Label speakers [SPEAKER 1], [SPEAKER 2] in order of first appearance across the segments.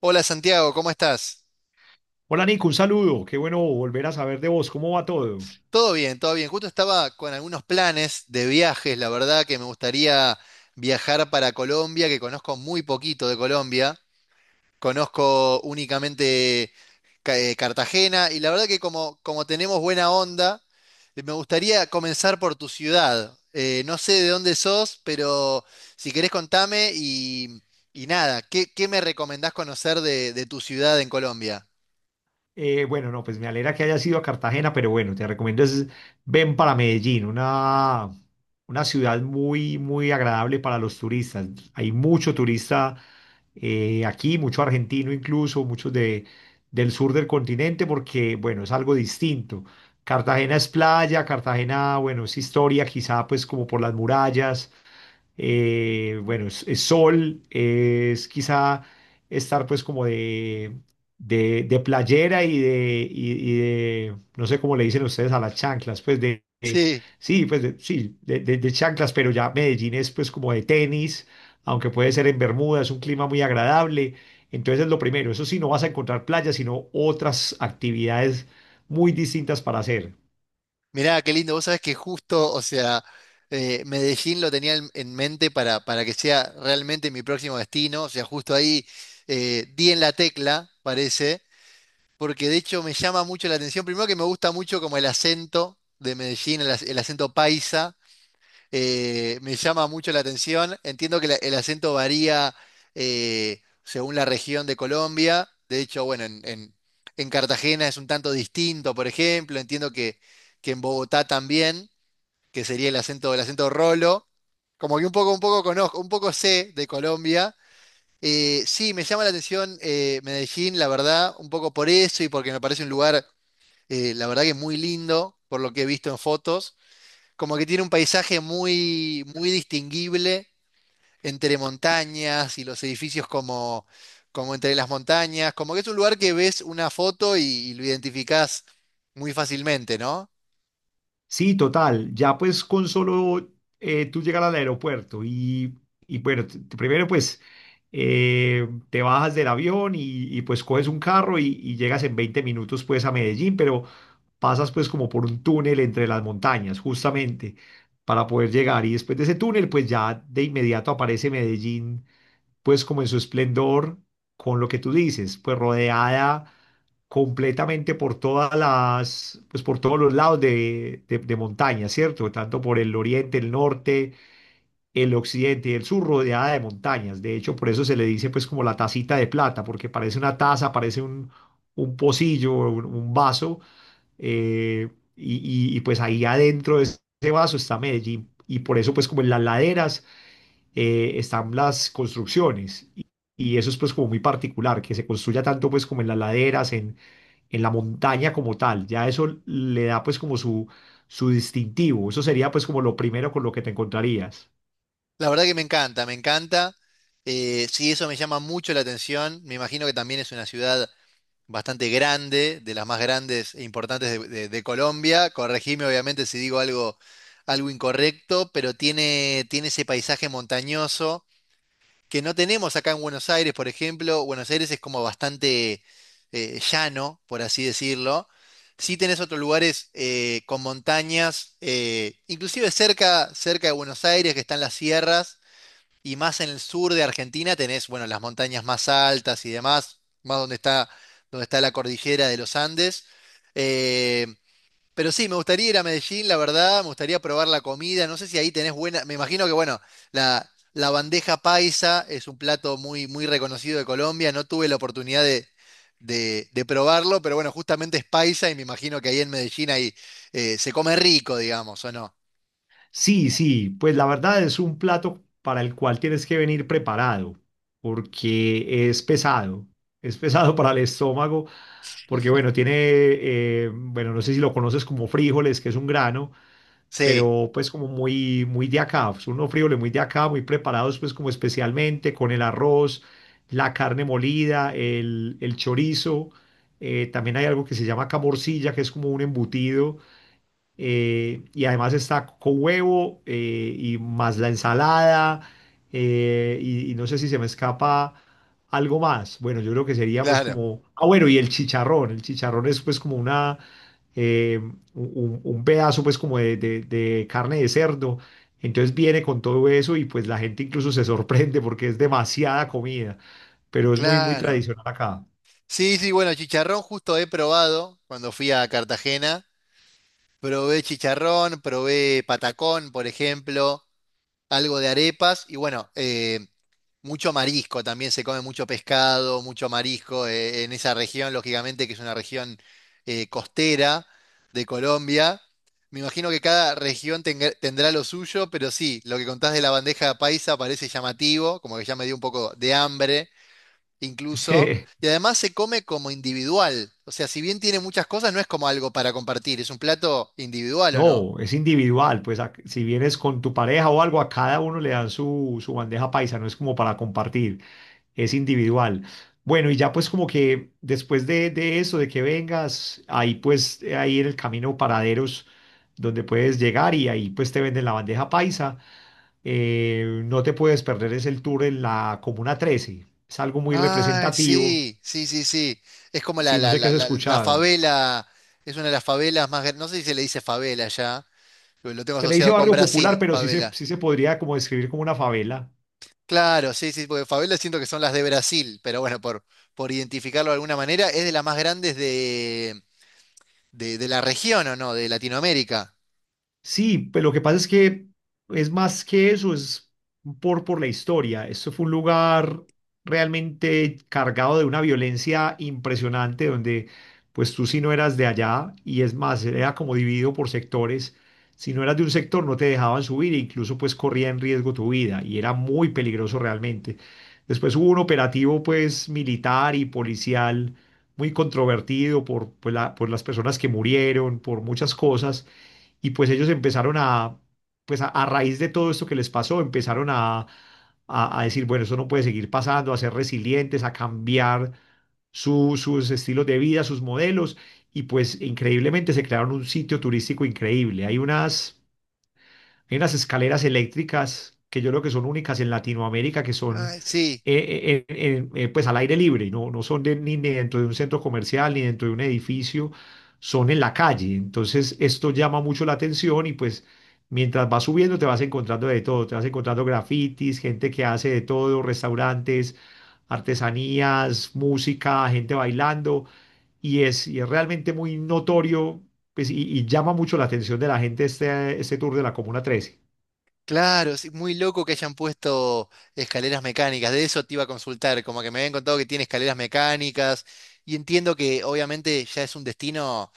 [SPEAKER 1] Hola Santiago, ¿cómo estás?
[SPEAKER 2] Hola Nico, un saludo. Qué bueno volver a saber de vos. ¿Cómo va todo?
[SPEAKER 1] Todo bien, todo bien. Justo estaba con algunos planes de viajes, la verdad que me gustaría viajar para Colombia, que conozco muy poquito de Colombia. Conozco únicamente Cartagena y la verdad que como, como tenemos buena onda, me gustaría comenzar por tu ciudad. No sé de dónde sos, pero si querés contame y nada, ¿ qué me recomendás conocer de tu ciudad en Colombia?
[SPEAKER 2] Bueno, no, pues me alegra que hayas ido a Cartagena, pero bueno, te recomiendo es ven para Medellín, una ciudad muy, muy agradable para los turistas. Hay mucho turista aquí, mucho argentino incluso, del sur del continente, porque bueno, es algo distinto. Cartagena es playa, Cartagena, bueno, es historia, quizá pues como por las murallas. Bueno, es sol, es quizá estar pues como de playera y de, no sé cómo le dicen ustedes a las chanclas, sí, sí, de chanclas, pero ya Medellín es pues como de tenis, aunque puede ser en Bermuda, es un clima muy agradable. Entonces, lo primero, eso sí, no vas a encontrar playas, sino otras actividades muy distintas para hacer.
[SPEAKER 1] Mirá, qué lindo. Vos sabés que justo, o sea, Medellín lo tenía en mente para que sea realmente mi próximo destino. O sea, justo ahí di en la tecla, parece, porque de hecho me llama mucho la atención. Primero que me gusta mucho como el acento de Medellín, el acento paisa. Me llama mucho la atención. Entiendo que el acento varía según la región de Colombia. De hecho, bueno, en Cartagena es un tanto distinto, por ejemplo. Entiendo que en Bogotá también, que sería el acento rolo. Como que un poco conozco, un poco sé de Colombia. Sí, me llama la atención, Medellín, la verdad, un poco por eso y porque me parece un lugar, la verdad que muy lindo, por lo que he visto en fotos. Como que tiene un paisaje muy, muy distinguible entre montañas y los edificios como, como entre las montañas. Como que es un lugar que ves una foto y lo identificás muy fácilmente, ¿no?
[SPEAKER 2] Sí, total. Ya pues con solo tú llegar al aeropuerto y bueno, primero pues te bajas del avión y, pues coges un carro y llegas en 20 minutos pues a Medellín, pero pasas pues como por un túnel entre las montañas justamente para poder llegar. Y después de ese túnel pues ya de inmediato aparece Medellín pues como en su esplendor con lo que tú dices, pues rodeada completamente por todas las, pues por todos los lados de montaña, ¿cierto? Tanto por el oriente, el norte, el occidente y el sur, rodeada de montañas. De hecho, por eso se le dice pues como la tacita de plata, porque parece una taza, un pocillo, un vaso, eh, y, y, pues ahí adentro de ese vaso está Medellín. Y por eso pues como en las laderas están las construcciones. Y eso es pues como muy particular, que se construya tanto pues como en las laderas, en la montaña como tal. Ya eso le da pues como su distintivo. Eso sería pues como lo primero con lo que te encontrarías.
[SPEAKER 1] La verdad que me encanta, me encanta. Sí, eso me llama mucho la atención. Me imagino que también es una ciudad bastante grande, de las más grandes e importantes de Colombia. Corregime, obviamente, si digo algo, algo incorrecto, pero tiene, tiene ese paisaje montañoso que no tenemos acá en Buenos Aires, por ejemplo. Buenos Aires es como bastante llano, por así decirlo. Sí tenés otros lugares, con montañas, inclusive cerca, cerca de Buenos Aires, que están las sierras, y más en el sur de Argentina tenés, bueno, las montañas más altas y demás, más donde está la cordillera de los Andes. Eh, pero sí, me gustaría ir a Medellín, la verdad, me gustaría probar la comida. No sé si ahí tenés buena. Me imagino que, bueno, la bandeja paisa es un plato muy, muy reconocido de Colombia. No tuve la oportunidad de probarlo, pero bueno, justamente es paisa y me imagino que ahí en Medellín ahí, se come rico, digamos, ¿o no?
[SPEAKER 2] Sí, sí, pues la verdad es un plato para el cual tienes que venir preparado, porque es pesado. Es pesado para el estómago, porque bueno, bueno, no sé si lo conoces como frijoles, que es un grano,
[SPEAKER 1] Sí,
[SPEAKER 2] pero pues como muy, muy de acá, pues, unos frijoles muy de acá, muy preparados pues como especialmente con el arroz, la carne molida, el chorizo, también hay algo que se llama acá morcilla, que es como un embutido, y además está con huevo, y más la ensalada, y no sé si se me escapa algo más. Bueno, yo creo que sería pues
[SPEAKER 1] claro,
[SPEAKER 2] como, ah bueno, y el chicharrón es pues como eh, un pedazo pues como de carne de cerdo. Entonces viene con todo eso y pues la gente incluso se sorprende porque es demasiada comida, pero es muy, muy
[SPEAKER 1] claro.
[SPEAKER 2] tradicional acá.
[SPEAKER 1] Sí, sí, bueno, chicharrón justo he probado cuando fui a Cartagena. Probé chicharrón, probé patacón, por ejemplo, algo de arepas y bueno, mucho marisco, también se come mucho pescado, mucho marisco, en esa región, lógicamente que es una región costera de Colombia. Me imagino que cada tendrá lo suyo, pero sí, lo que contás de la bandeja paisa parece llamativo, como que ya me dio un poco de hambre incluso. Y además se come como individual, o sea, si bien tiene muchas cosas, no es como algo para compartir, es un plato individual, ¿o no?
[SPEAKER 2] No, es individual, pues a- si vienes con tu pareja o algo, a cada uno le dan su, su bandeja paisa, no es como para compartir, es individual. Bueno, y ya pues como que después de eso, de que vengas, ahí pues ahí en el camino paraderos donde puedes llegar y ahí pues te venden la bandeja paisa. No te puedes perder, es el tour en la Comuna 13, es algo muy
[SPEAKER 1] Ah,
[SPEAKER 2] representativo,
[SPEAKER 1] sí, sí, sí, sí. Es como la,
[SPEAKER 2] si no
[SPEAKER 1] la,
[SPEAKER 2] sé qué
[SPEAKER 1] la,
[SPEAKER 2] has
[SPEAKER 1] la, la
[SPEAKER 2] escuchado.
[SPEAKER 1] favela, es una de las favelas más, no sé si se le dice favela ya, pero lo tengo
[SPEAKER 2] Se le dice
[SPEAKER 1] asociado con
[SPEAKER 2] barrio popular,
[SPEAKER 1] Brasil,
[SPEAKER 2] pero
[SPEAKER 1] favela.
[SPEAKER 2] sí se podría como describir como una favela.
[SPEAKER 1] Claro, sí, sí, porque favela siento que son las de Brasil, pero bueno, por identificarlo de alguna manera, es de las más grandes de la región, ¿o no? De Latinoamérica.
[SPEAKER 2] Sí, pero lo que pasa es que es más que eso, es por la historia. Esto fue un lugar realmente cargado de una violencia impresionante donde pues tú si no eras de allá, y es más, era como dividido por sectores, si no eras de un sector no te dejaban subir e incluso pues corría en riesgo tu vida y era muy peligroso realmente. Después hubo un operativo pues militar y policial muy controvertido por, por las personas que murieron, por muchas cosas, y pues ellos empezaron a, pues a raíz de todo esto que les pasó, empezaron a decir, bueno, eso no puede seguir pasando, a ser resilientes, a cambiar sus estilos de vida, sus modelos. Y pues increíblemente se crearon un sitio turístico increíble. Hay unas escaleras eléctricas que yo creo que son únicas en Latinoamérica, que son
[SPEAKER 1] Ah, sí.
[SPEAKER 2] pues al aire libre, no, no son de- ni dentro de un centro comercial ni dentro de un edificio, son en la calle. Entonces esto llama mucho la atención y pues mientras vas subiendo te vas encontrando de todo, te vas encontrando grafitis, gente que hace de todo, restaurantes, artesanías, música, gente bailando, y es realmente muy notorio pues, y llama mucho la atención de la gente este tour de la Comuna 13.
[SPEAKER 1] Claro, sí, muy loco que hayan puesto escaleras mecánicas. De eso te iba a consultar, como que me habían contado que tiene escaleras mecánicas y entiendo que obviamente ya es un destino,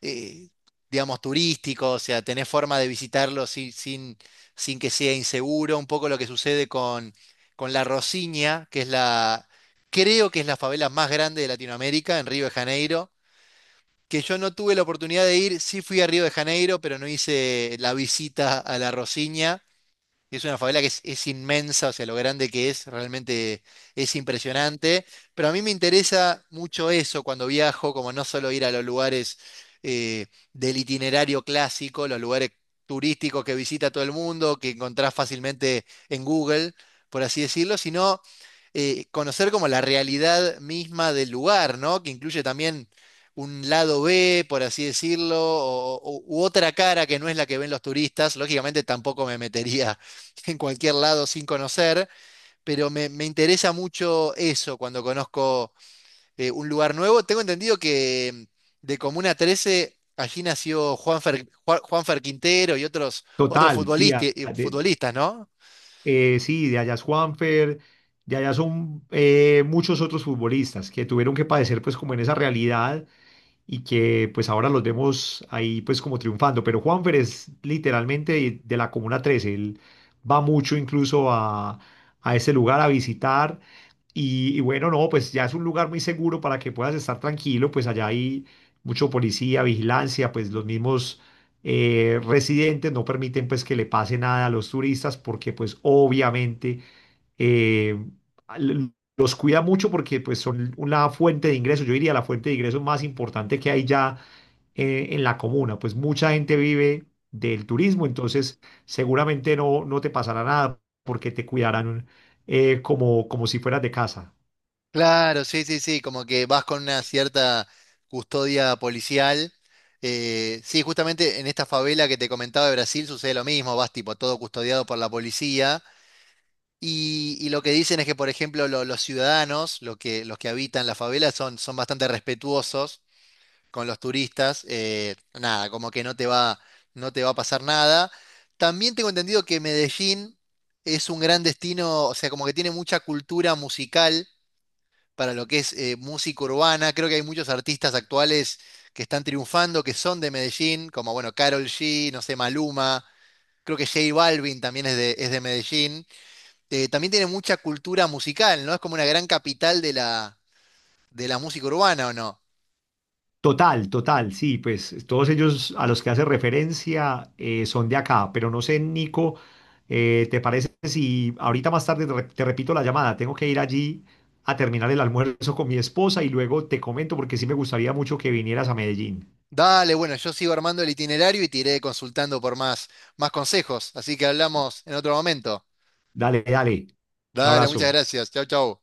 [SPEAKER 1] eh, digamos, turístico, o sea, tenés forma de visitarlo sin que sea inseguro. Un poco lo que sucede con La Rosiña, que es la, creo que es la favela más grande de Latinoamérica, en Río de Janeiro, que yo no tuve la oportunidad de ir, sí fui a Río de Janeiro, pero no hice la visita a La Rosiña. Es una favela que es inmensa, o sea, lo grande que es, realmente es impresionante. Pero a mí me interesa mucho eso cuando viajo, como no solo ir a los lugares, eh, del itinerario clásico, los lugares turísticos que visita todo el mundo, que encontrás fácilmente en Google, por así decirlo, sino conocer como la realidad misma del lugar, ¿no? Que incluye también un lado B, por así decirlo, u otra cara que no es la que ven los turistas. Lógicamente tampoco me metería en cualquier lado sin conocer, pero me interesa mucho eso cuando conozco un lugar nuevo. Tengo entendido que de Comuna 13 allí nació Juanfer Quintero y otros, otros
[SPEAKER 2] Total, sí,
[SPEAKER 1] futbolistas, futbolistas, ¿no?
[SPEAKER 2] sí, de allá es Juanfer, de allá son muchos otros futbolistas que tuvieron que padecer pues como en esa realidad y que pues ahora los vemos ahí pues como triunfando, pero Juanfer es literalmente de la Comuna 13. Él va mucho incluso a ese lugar a visitar, y bueno, no, pues ya es un lugar muy seguro para que puedas estar tranquilo, pues allá hay mucho policía, vigilancia, pues los mismos residentes no permiten pues que le pase nada a los turistas, porque pues obviamente eh, al- los cuida mucho porque pues son una fuente de ingresos, yo diría la fuente de ingresos más importante que hay ya en la comuna, pues mucha gente vive del turismo, entonces seguramente no, no te pasará nada porque te cuidarán, como, como si fueras de casa.
[SPEAKER 1] Claro, sí, sí, sí, como que vas con una cierta custodia policial. Sí, justamente en esta favela que te comentaba de Brasil sucede lo mismo, vas tipo todo custodiado por la policía. Y lo que dicen es que, por ejemplo, los ciudadanos, lo que, los que habitan la favela, son, son bastante respetuosos con los turistas. Eh, nada, como que no te va a pasar nada. También tengo entendido que Medellín es un gran destino, o sea, como que tiene mucha cultura musical para lo que es, música urbana. Creo que hay muchos artistas actuales que están triunfando, que son de Medellín, como, bueno, Karol G, no sé, Maluma. Creo que J Balvin también es de Medellín. También tiene mucha cultura musical, ¿no? Es como una gran capital de la música urbana, ¿o no?
[SPEAKER 2] Total, total, sí, pues todos ellos a los que hace referencia son de acá, pero no sé, Nico, ¿te parece si ahorita más tarde te, te repito la llamada? Tengo que ir allí a terminar el almuerzo con mi esposa y luego te comento porque sí me gustaría mucho que vinieras a Medellín.
[SPEAKER 1] Dale, bueno, yo sigo armando el itinerario y te iré consultando por más, más consejos, así que hablamos en otro momento.
[SPEAKER 2] Dale, dale, un
[SPEAKER 1] Dale, muchas
[SPEAKER 2] abrazo.
[SPEAKER 1] gracias. Chau, chau.